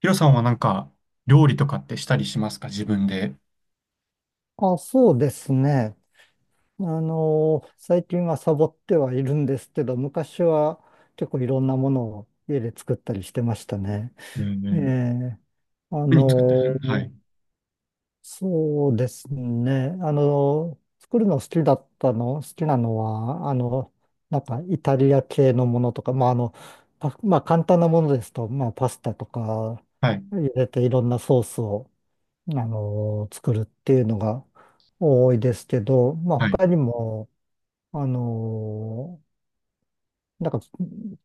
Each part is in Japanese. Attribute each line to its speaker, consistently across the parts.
Speaker 1: ヒロさんはなんか、料理とかってしたりしますか自分で。
Speaker 2: あ、そうですね。最近はサボってはいるんですけど、昔は結構いろんなものを家で作ったりしてましたね。
Speaker 1: ねえ
Speaker 2: え
Speaker 1: ね
Speaker 2: え、あ
Speaker 1: え、何作って
Speaker 2: の、
Speaker 1: る？はい。
Speaker 2: そうですね。作るの好きだったの、好きなのは、なんかイタリア系のものとか、まあ、簡単なものですと、まあ、パスタとか
Speaker 1: はい。
Speaker 2: 入れていろんなソースを作るっていうのが多いですけど、まあ
Speaker 1: はい。
Speaker 2: 他にも、あの、なんか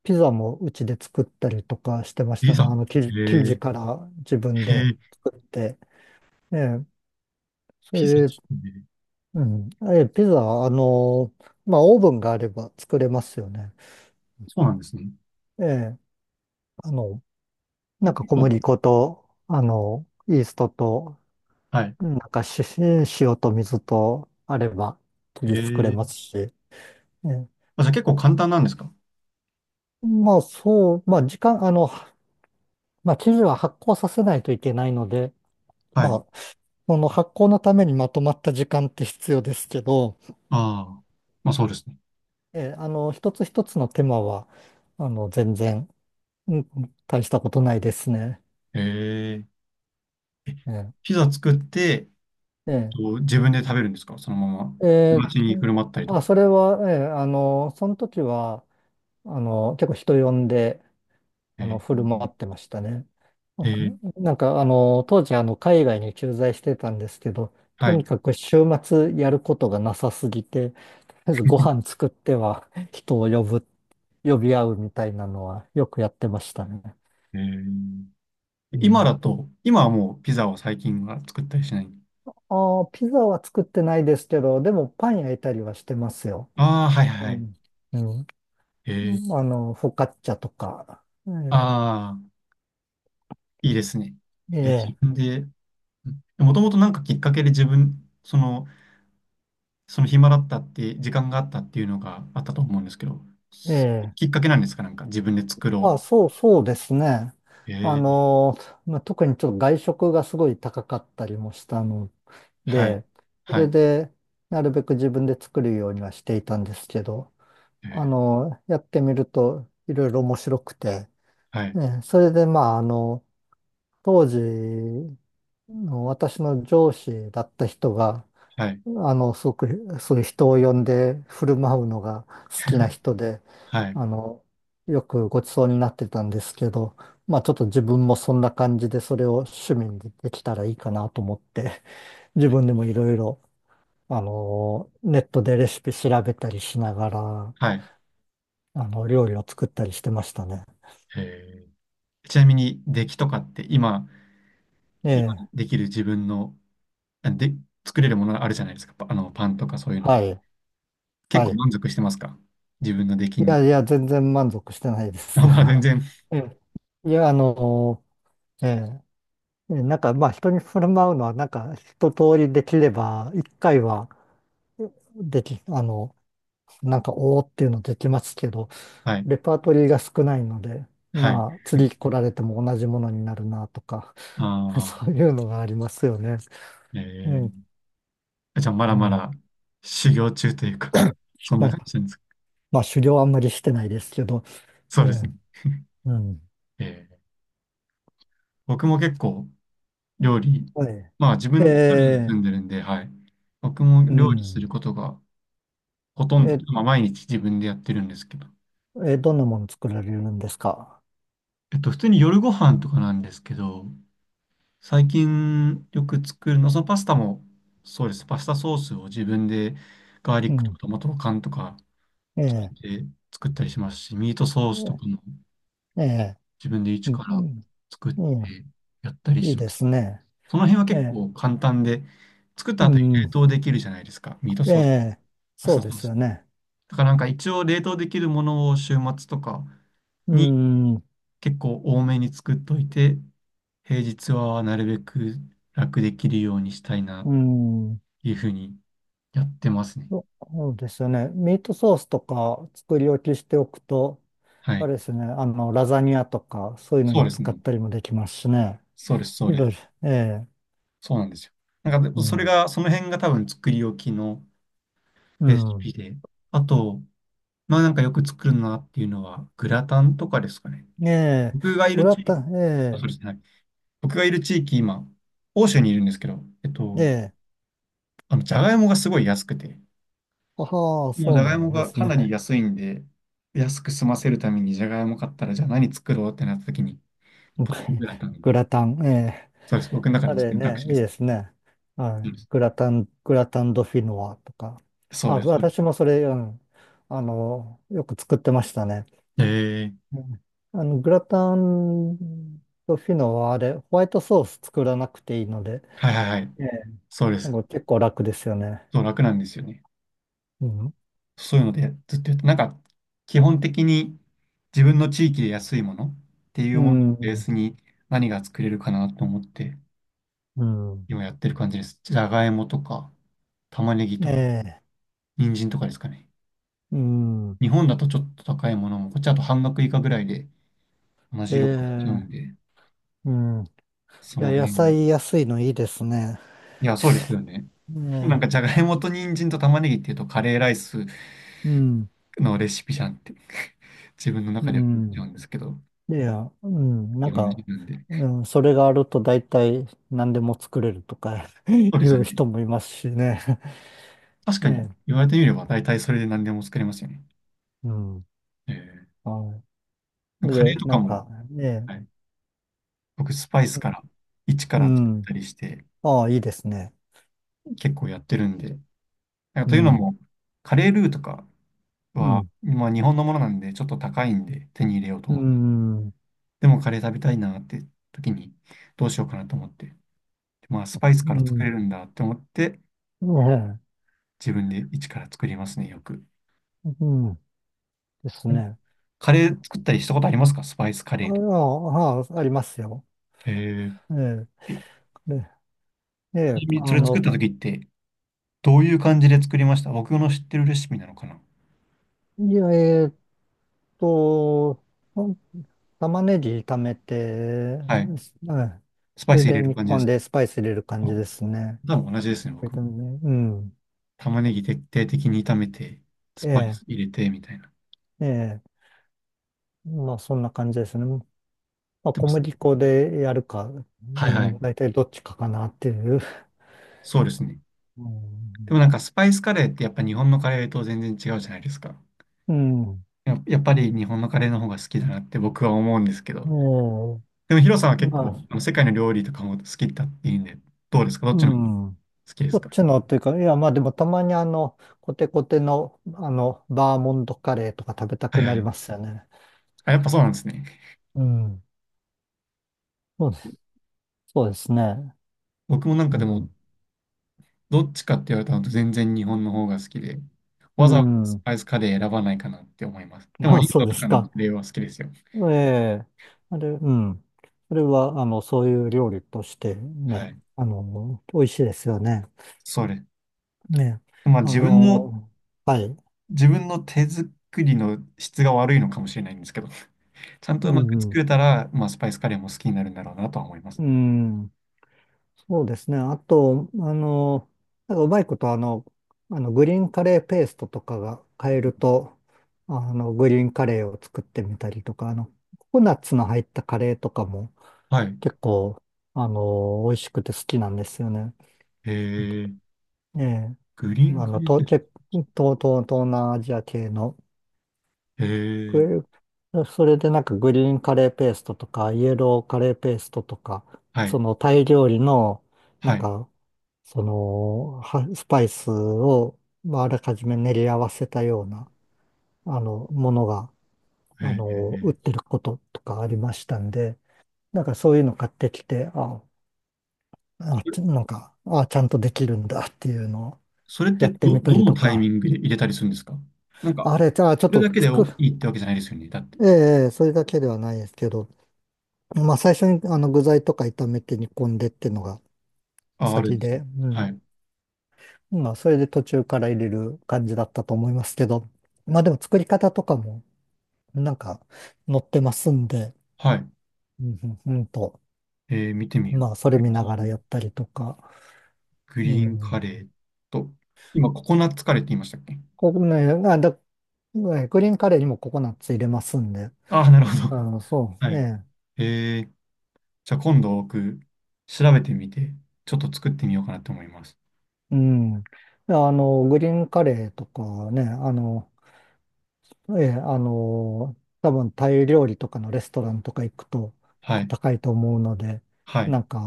Speaker 2: ピザもうちで作ったりとかしてまし
Speaker 1: ピ
Speaker 2: たね。
Speaker 1: ザ。
Speaker 2: あの
Speaker 1: え
Speaker 2: 生地
Speaker 1: ー、
Speaker 2: から自分
Speaker 1: へ
Speaker 2: で
Speaker 1: ー、
Speaker 2: 作って。ええ、そ
Speaker 1: ピザ作
Speaker 2: れで、
Speaker 1: すね。
Speaker 2: うん。ええ、ピザ、あの、まあオーブンがあれば作れますよね。
Speaker 1: そうなんですね。
Speaker 2: ええ、あの、
Speaker 1: え、
Speaker 2: なんか
Speaker 1: 結
Speaker 2: 小
Speaker 1: 構。
Speaker 2: 麦粉と、イーストと、
Speaker 1: はい。
Speaker 2: なんかし塩と水とあれば生
Speaker 1: え
Speaker 2: 地作れ
Speaker 1: ー、
Speaker 2: ますし。ええ。
Speaker 1: あ、じゃあ結構簡単なんですか？
Speaker 2: まあ時間、まあ生地は発酵させないといけないので、
Speaker 1: はい。
Speaker 2: まあその発酵のためにまとまった時間って必要ですけど、
Speaker 1: ああ。まあそうですね。
Speaker 2: 一つ一つの手間は、あの、全然、うん大したことないですね。
Speaker 1: えー、え
Speaker 2: え
Speaker 1: ピザ作って、
Speaker 2: ええ
Speaker 1: と自分で食べるんですかそのまま。
Speaker 2: ええ
Speaker 1: 街に
Speaker 2: ーと、
Speaker 1: 振る舞ったりと
Speaker 2: あ、
Speaker 1: か？
Speaker 2: それは、ええその時は、結構人呼んで、振
Speaker 1: え
Speaker 2: る舞ってましたね。な
Speaker 1: ー、
Speaker 2: ん
Speaker 1: え
Speaker 2: か、
Speaker 1: ー、
Speaker 2: なんか当時、海外に駐在してたんですけど、
Speaker 1: は
Speaker 2: とに
Speaker 1: い。
Speaker 2: かく週末やることがなさすぎて、とりあえずご飯 作っては人を呼ぶ、呼び合うみたいなのはよくやってましたね。
Speaker 1: えー、
Speaker 2: う
Speaker 1: 今
Speaker 2: ん。
Speaker 1: だと、今はもうピザを最近は作ったりしない？
Speaker 2: ああ、ピザは作ってないですけど、でもパン焼いたりはしてますよ。
Speaker 1: ああ、はいはい
Speaker 2: う
Speaker 1: はい。
Speaker 2: ん。うん。
Speaker 1: へえ。
Speaker 2: うんフォカッチャとか。え
Speaker 1: ああ、いいですね。で、自
Speaker 2: え、
Speaker 1: 分で、もともとなんかきっかけで自分、その、その、暇だったって、時間があったっていうのがあったと思うんですけど、
Speaker 2: え
Speaker 1: す
Speaker 2: え、え
Speaker 1: きっ
Speaker 2: え。
Speaker 1: かけなんですか？なんか自分で作ろ
Speaker 2: そうですね。
Speaker 1: う。へ
Speaker 2: あ
Speaker 1: え。
Speaker 2: の、特にちょっと外食がすごい高かったりもしたの
Speaker 1: はい。
Speaker 2: で、そ
Speaker 1: は
Speaker 2: れ
Speaker 1: い。
Speaker 2: で、なるべく自分で作るようにはしていたんですけど、
Speaker 1: ええ。
Speaker 2: やってみるといろいろ面白くて、
Speaker 1: はい。
Speaker 2: ね、それで、当時の私の上司だった人が、
Speaker 1: はい。
Speaker 2: あの、すごく、そういう人を呼んで振る舞うのが好きな人で、
Speaker 1: はい。
Speaker 2: あの、よくごちそうになってたんですけど、まあちょっと自分もそんな感じでそれを趣味にできたらいいかなと思って、自分でもいろいろ、ネットでレシピ調べたりしながら、
Speaker 1: はい。
Speaker 2: 料理を作ったりしてましたね。
Speaker 1: へえ。ちなみに、出来とかって今、
Speaker 2: え
Speaker 1: 今
Speaker 2: え、
Speaker 1: できる自分の、で、作れるものあるじゃないですか。あの、パンとかそういうの。
Speaker 2: はい、
Speaker 1: 結
Speaker 2: は
Speaker 1: 構
Speaker 2: い。
Speaker 1: 満足してますか？自分の出来
Speaker 2: い
Speaker 1: に。
Speaker 2: やいや、全然満足してないで
Speaker 1: あ、
Speaker 2: す
Speaker 1: まあ
Speaker 2: よ。
Speaker 1: 全然。
Speaker 2: ええ、いや、あの、えええなんかまあ人に振る舞うのはなんか一通りできれば一回はでき、あの、なんかおーっていうのできますけど、
Speaker 1: はい。
Speaker 2: レパートリーが少ないので、
Speaker 1: はい。
Speaker 2: まあ次来られても同じものになるなとか、
Speaker 1: あ
Speaker 2: そう
Speaker 1: あ、
Speaker 2: いうのがありますよね。う
Speaker 1: え
Speaker 2: ん、
Speaker 1: え、じゃあま
Speaker 2: う
Speaker 1: だま
Speaker 2: ん。
Speaker 1: だ修行中というか、そん
Speaker 2: ま
Speaker 1: な
Speaker 2: あ、
Speaker 1: 感じなんですか？
Speaker 2: まあ狩猟はあんまりしてないですけど、え
Speaker 1: そうです
Speaker 2: え、
Speaker 1: ね。
Speaker 2: うん。
Speaker 1: ええ、僕も結構料理、
Speaker 2: はい。
Speaker 1: まあ自
Speaker 2: え
Speaker 1: 分で一人に住
Speaker 2: え、
Speaker 1: んでるんで、はい。僕も
Speaker 2: う
Speaker 1: 料理する
Speaker 2: ん。
Speaker 1: ことがほとんど、
Speaker 2: え、
Speaker 1: まあ毎日自分でやってるんですけど。
Speaker 2: え、どんなもの作られるんですか？
Speaker 1: 普通に夜ご飯とかなんですけど、最近よく作るの、そのパスタも、そうです。パスタソースを自分でガーリ
Speaker 2: う
Speaker 1: ックと
Speaker 2: ん。
Speaker 1: かトマト缶とか
Speaker 2: え
Speaker 1: 作っ
Speaker 2: え、
Speaker 1: て作ったりしますし、ミートソー
Speaker 2: え
Speaker 1: スとかも
Speaker 2: え、
Speaker 1: 自分で
Speaker 2: え
Speaker 1: 一
Speaker 2: え。い
Speaker 1: から作ってやったり
Speaker 2: いい
Speaker 1: しま
Speaker 2: で
Speaker 1: す。
Speaker 2: すね。
Speaker 1: その辺は
Speaker 2: え
Speaker 1: 結
Speaker 2: え、
Speaker 1: 構簡単で、作った
Speaker 2: う
Speaker 1: 後に冷
Speaker 2: ん、
Speaker 1: 凍できるじゃないですか。ミート
Speaker 2: え
Speaker 1: ソース、
Speaker 2: え、
Speaker 1: パス
Speaker 2: そ
Speaker 1: タ
Speaker 2: うで
Speaker 1: ソー
Speaker 2: す
Speaker 1: ス。
Speaker 2: よね。
Speaker 1: だからなんか一応冷凍できるものを週末とか
Speaker 2: う
Speaker 1: に
Speaker 2: ん、
Speaker 1: 結構多めに作っといて、平日はなるべく楽できるようにしたいなっ
Speaker 2: うん、
Speaker 1: ていうふうにやってますね。
Speaker 2: そうですよね。ミートソースとか作り置きしておくと、
Speaker 1: は
Speaker 2: あ
Speaker 1: い。
Speaker 2: れですね、ラザニアとか、そういうの
Speaker 1: そう
Speaker 2: に
Speaker 1: です
Speaker 2: 使っ
Speaker 1: ね。
Speaker 2: たりもできますしね。
Speaker 1: そうです、そう
Speaker 2: い
Speaker 1: で
Speaker 2: ろい
Speaker 1: す。
Speaker 2: ろ、ええ、
Speaker 1: そうなんですよ。なんか
Speaker 2: う
Speaker 1: でそれ
Speaker 2: ん、
Speaker 1: が、その辺が多分作り置きの
Speaker 2: う
Speaker 1: レシ
Speaker 2: ん、
Speaker 1: ピで。あと、まあなんかよく作るなっていうのは、グラタンとかですかね。
Speaker 2: ええ、
Speaker 1: 僕がい
Speaker 2: グ
Speaker 1: る
Speaker 2: ラ
Speaker 1: 地
Speaker 2: タ
Speaker 1: 域、
Speaker 2: ン、
Speaker 1: あ、そ
Speaker 2: え
Speaker 1: うですね。はい、僕がいる地域、今、欧州にいるんですけど、
Speaker 2: え、ええ、
Speaker 1: あの、じゃがいもがすごい安くて、
Speaker 2: ああ、
Speaker 1: もう
Speaker 2: そ
Speaker 1: じゃ
Speaker 2: うな
Speaker 1: がい
Speaker 2: ん
Speaker 1: も
Speaker 2: で
Speaker 1: が
Speaker 2: す
Speaker 1: かな
Speaker 2: ね。
Speaker 1: り安いんで、安く済ませるためにじゃがいも買ったら、じゃあ何作ろうってなった時に、ポテト グラタンが、
Speaker 2: グラタン、ええ、
Speaker 1: そうです。僕の中
Speaker 2: あ
Speaker 1: の
Speaker 2: れ
Speaker 1: 選択
Speaker 2: ね、
Speaker 1: 肢
Speaker 2: い
Speaker 1: で
Speaker 2: い
Speaker 1: す
Speaker 2: で
Speaker 1: ね。
Speaker 2: すね。は
Speaker 1: う
Speaker 2: い。
Speaker 1: ん、
Speaker 2: グラタン、グラタンドフィノワとか。
Speaker 1: そう
Speaker 2: あ、
Speaker 1: です。
Speaker 2: 私もそれ、うん、よく作ってましたね。
Speaker 1: えー、
Speaker 2: うん、グラタンドフィノワ、あれ、ホワイトソース作らなくていいので、
Speaker 1: はいはいはい。
Speaker 2: ええ、
Speaker 1: そうで
Speaker 2: なん
Speaker 1: す。
Speaker 2: か結構楽ですよね。
Speaker 1: そう、楽なんですよね。
Speaker 2: うん。
Speaker 1: そういうのでずっとやって、なんか基本的に自分の地域で安いものってい
Speaker 2: う
Speaker 1: うものをベー
Speaker 2: ん。
Speaker 1: スに何が作れるかなと思って
Speaker 2: うん。
Speaker 1: 今やってる感じです。じゃがいもとか玉ねぎ
Speaker 2: え
Speaker 1: とか
Speaker 2: え。
Speaker 1: 人参とかですかね。
Speaker 2: うん。
Speaker 1: 日本だとちょっと高いものも、こっちだと半額以下ぐらいで同
Speaker 2: え
Speaker 1: じ量買えちゃうん
Speaker 2: え。
Speaker 1: で、
Speaker 2: うん。い
Speaker 1: その
Speaker 2: や、野
Speaker 1: 辺。い
Speaker 2: 菜安いのいいですね。
Speaker 1: や、そうですよね。なん
Speaker 2: え
Speaker 1: かじゃ
Speaker 2: え。
Speaker 1: がいもと人参と玉ねぎっていうとカレーライス
Speaker 2: うん。
Speaker 1: のレシピじゃんって 自分の
Speaker 2: う
Speaker 1: 中では思っちゃ
Speaker 2: ん。
Speaker 1: うんですけど、
Speaker 2: いや、うん、な
Speaker 1: 日
Speaker 2: ん
Speaker 1: 本人
Speaker 2: か、
Speaker 1: なんで。
Speaker 2: うん、それがあると大体何でも作れるとか い
Speaker 1: そうですよ
Speaker 2: う
Speaker 1: ね。
Speaker 2: 人もいますしね。
Speaker 1: 確
Speaker 2: え
Speaker 1: かに、
Speaker 2: え、
Speaker 1: 言われてみれば大体それで何でも作れますよね。
Speaker 2: うん。
Speaker 1: え
Speaker 2: はい。
Speaker 1: ー、カレ
Speaker 2: で、
Speaker 1: ーと
Speaker 2: な
Speaker 1: か
Speaker 2: んか、
Speaker 1: も、
Speaker 2: ね、
Speaker 1: はい、僕スパイスから一か
Speaker 2: う
Speaker 1: ら作っ
Speaker 2: ん。
Speaker 1: たりして
Speaker 2: ああ、いいですね。
Speaker 1: 結構やってるんで、なんか
Speaker 2: う
Speaker 1: というの
Speaker 2: ん。
Speaker 1: も、カレールーとか
Speaker 2: う
Speaker 1: は、
Speaker 2: ん。
Speaker 1: まあ、日本のものなんでちょっと高いんで手に入れようと
Speaker 2: う
Speaker 1: 思って、
Speaker 2: ん。
Speaker 1: でもカレー食べたいなって時にどうしようかなと思って、まあスパイス
Speaker 2: う
Speaker 1: から作
Speaker 2: ん。
Speaker 1: れるんだって思って
Speaker 2: ね
Speaker 1: 自分で一から作りますね、よく。
Speaker 2: え、うん。ですね。
Speaker 1: カレー
Speaker 2: あ、
Speaker 1: 作ったりしたことありますか？スパイスカレーとか。
Speaker 2: ありますよ。
Speaker 1: え
Speaker 2: ええ、
Speaker 1: ーえ
Speaker 2: で、え
Speaker 1: ち
Speaker 2: え、
Speaker 1: なみにそれ作った時ってどういう感じで作りました？僕の知ってるレシピなのかな？
Speaker 2: いや、と、玉ねぎ炒めて、
Speaker 1: は
Speaker 2: うん、
Speaker 1: い。スパ
Speaker 2: そ
Speaker 1: イ
Speaker 2: れ
Speaker 1: ス入
Speaker 2: で
Speaker 1: れる
Speaker 2: 日
Speaker 1: 感じで
Speaker 2: 本
Speaker 1: すか？
Speaker 2: でスパイス入れる感
Speaker 1: あ、
Speaker 2: じですね。
Speaker 1: 多分同じですね、
Speaker 2: ビ
Speaker 1: 僕も。
Speaker 2: タミ、ね、うん。
Speaker 1: 玉ねぎ徹底的に炒めて、ス
Speaker 2: え
Speaker 1: パイ
Speaker 2: え、
Speaker 1: ス入れて、みたいな。
Speaker 2: ええ。まあそんな感じですね。まあ
Speaker 1: でも、
Speaker 2: 小麦粉でやるか、う
Speaker 1: はいは
Speaker 2: ん、大
Speaker 1: い。
Speaker 2: 体どっちかかなっていう。
Speaker 1: そうですね。
Speaker 2: う
Speaker 1: で
Speaker 2: ん。
Speaker 1: もなんかスパイスカレーってやっぱ日本のカレーと全然違うじゃないですか。
Speaker 2: うん。
Speaker 1: やっぱり日本のカレーの方が好きだなって僕は思うんですけど。
Speaker 2: え
Speaker 1: でもヒロさんは
Speaker 2: え、
Speaker 1: 結
Speaker 2: ま
Speaker 1: 構
Speaker 2: あ、
Speaker 1: あの世界の料理とかも好きだっていうんで、どうですか？どっ
Speaker 2: う
Speaker 1: ちの方が
Speaker 2: ん。
Speaker 1: 好きで
Speaker 2: ど
Speaker 1: す
Speaker 2: っ
Speaker 1: か？
Speaker 2: ちのっていうか、いやまあでもたまにコテコテのバーモントカレーとか食べた
Speaker 1: は
Speaker 2: く
Speaker 1: いは
Speaker 2: なり
Speaker 1: い。
Speaker 2: ますよね。
Speaker 1: あ、やっぱそうなんですね。
Speaker 2: うん。そうですそうですね。
Speaker 1: 僕もなんか
Speaker 2: う
Speaker 1: でも
Speaker 2: ん。
Speaker 1: どっちかって言われたのと全然日本の方が好きで、
Speaker 2: う
Speaker 1: わざわざス
Speaker 2: ん。
Speaker 1: パイスカレー選ばないかなって思います。でも
Speaker 2: あ、
Speaker 1: イン
Speaker 2: そう
Speaker 1: ド
Speaker 2: で
Speaker 1: とか
Speaker 2: す
Speaker 1: のカ
Speaker 2: か。
Speaker 1: レーは好きですよ。
Speaker 2: ええ、あれ、うん。それは、そういう料理として
Speaker 1: は
Speaker 2: ね、
Speaker 1: い。
Speaker 2: 美味しいですよね。
Speaker 1: それ。
Speaker 2: ね、
Speaker 1: まあ
Speaker 2: あ
Speaker 1: 自分の、
Speaker 2: の、はい。
Speaker 1: 自分の手作りの質が悪いのかもしれないんですけど、ちゃんと
Speaker 2: う
Speaker 1: うまく作
Speaker 2: ん、
Speaker 1: れたら、まあスパイスカレーも好きになるんだろうなとは思います。
Speaker 2: うん、そうですね。あと、なんかうまいこと、グリーンカレーペーストとかが買えると、グリーンカレーを作ってみたりとか、ココナッツの入ったカレーとかも
Speaker 1: はい。
Speaker 2: 結構、美味しくて好きなんですよね。
Speaker 1: えー、
Speaker 2: ええ、
Speaker 1: グリー
Speaker 2: ま
Speaker 1: ン
Speaker 2: ああ
Speaker 1: カ
Speaker 2: の、
Speaker 1: レーペ
Speaker 2: 東、
Speaker 1: ースト。
Speaker 2: 東、東、東南アジア系の、
Speaker 1: えー、
Speaker 2: グそれでなんかグリーンカレーペーストとか、イエローカレーペーストとか、
Speaker 1: は
Speaker 2: そ
Speaker 1: い。
Speaker 2: のタイ料理の、な
Speaker 1: は
Speaker 2: ん
Speaker 1: い。
Speaker 2: か、スパイスを、まあ、あらかじめ練り合わせたような、ものが、
Speaker 1: え
Speaker 2: 売っ
Speaker 1: ー、
Speaker 2: てることとかありましたんで、なんかそういうの買ってきて、ああ、
Speaker 1: それ
Speaker 2: ちなんか、ああ、ちゃんとできるんだっていうのを
Speaker 1: それっ
Speaker 2: や
Speaker 1: て
Speaker 2: って
Speaker 1: ど、
Speaker 2: みた
Speaker 1: ど
Speaker 2: り
Speaker 1: の
Speaker 2: と
Speaker 1: タイミ
Speaker 2: か、
Speaker 1: ングで入れたりするんですか？なんか、
Speaker 2: あれ、じゃあ、ちょっ
Speaker 1: それ
Speaker 2: と
Speaker 1: だけで
Speaker 2: 作
Speaker 1: お
Speaker 2: る、
Speaker 1: いいってわけじゃないですよね。だって。
Speaker 2: ええ、それだけではないですけど、まあ、最初に具材とか炒めて煮込んでっていうのが
Speaker 1: あ、あるん
Speaker 2: 先
Speaker 1: です
Speaker 2: で、
Speaker 1: ね。
Speaker 2: う
Speaker 1: は
Speaker 2: ん。
Speaker 1: い。
Speaker 2: まあ、それで途中から入れる感じだったと思いますけど、まあ、でも作り方とかも、なんか、載ってますんで、
Speaker 1: はい。
Speaker 2: うん、うんうんと、
Speaker 1: えー、見てみよう。
Speaker 2: まあ、それ
Speaker 1: グリ
Speaker 2: 見なが
Speaker 1: ー
Speaker 2: らや
Speaker 1: ン、
Speaker 2: ったりとか、
Speaker 1: グ
Speaker 2: う
Speaker 1: リーンカ
Speaker 2: ん。
Speaker 1: レーと、今、ココナッツカレーって言いましたっけ？
Speaker 2: ここね、あ、だ、ねグリーンカレーにもココナッツ入れますんで、
Speaker 1: ああ、なるほど。はい。
Speaker 2: ね、
Speaker 1: えー、じゃあ今度僕、調べてみて、ちょっと作ってみようかなと思います。
Speaker 2: うん。でグリーンカレーとかね、ええ、あの、多分タイ料理とかのレストランとか行くと
Speaker 1: は
Speaker 2: こう
Speaker 1: い。
Speaker 2: 高いと思うので、
Speaker 1: はい。
Speaker 2: なんか、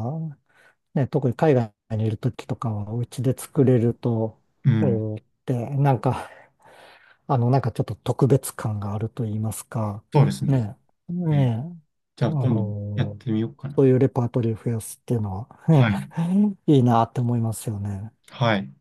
Speaker 2: ね、特に海外にいる時とかはお家で作れると、
Speaker 1: うん。
Speaker 2: おーって、なんか、なんかちょっと特別感があると言いますか、
Speaker 1: そうですね。
Speaker 2: ね、
Speaker 1: えー
Speaker 2: ね
Speaker 1: じ
Speaker 2: え、
Speaker 1: ゃ
Speaker 2: あ
Speaker 1: あ今度やっ
Speaker 2: の、
Speaker 1: てみようかな。
Speaker 2: そういうレパートリーを増やすっていうの
Speaker 1: は
Speaker 2: は
Speaker 1: い。
Speaker 2: いいなって思いますよね。
Speaker 1: はい。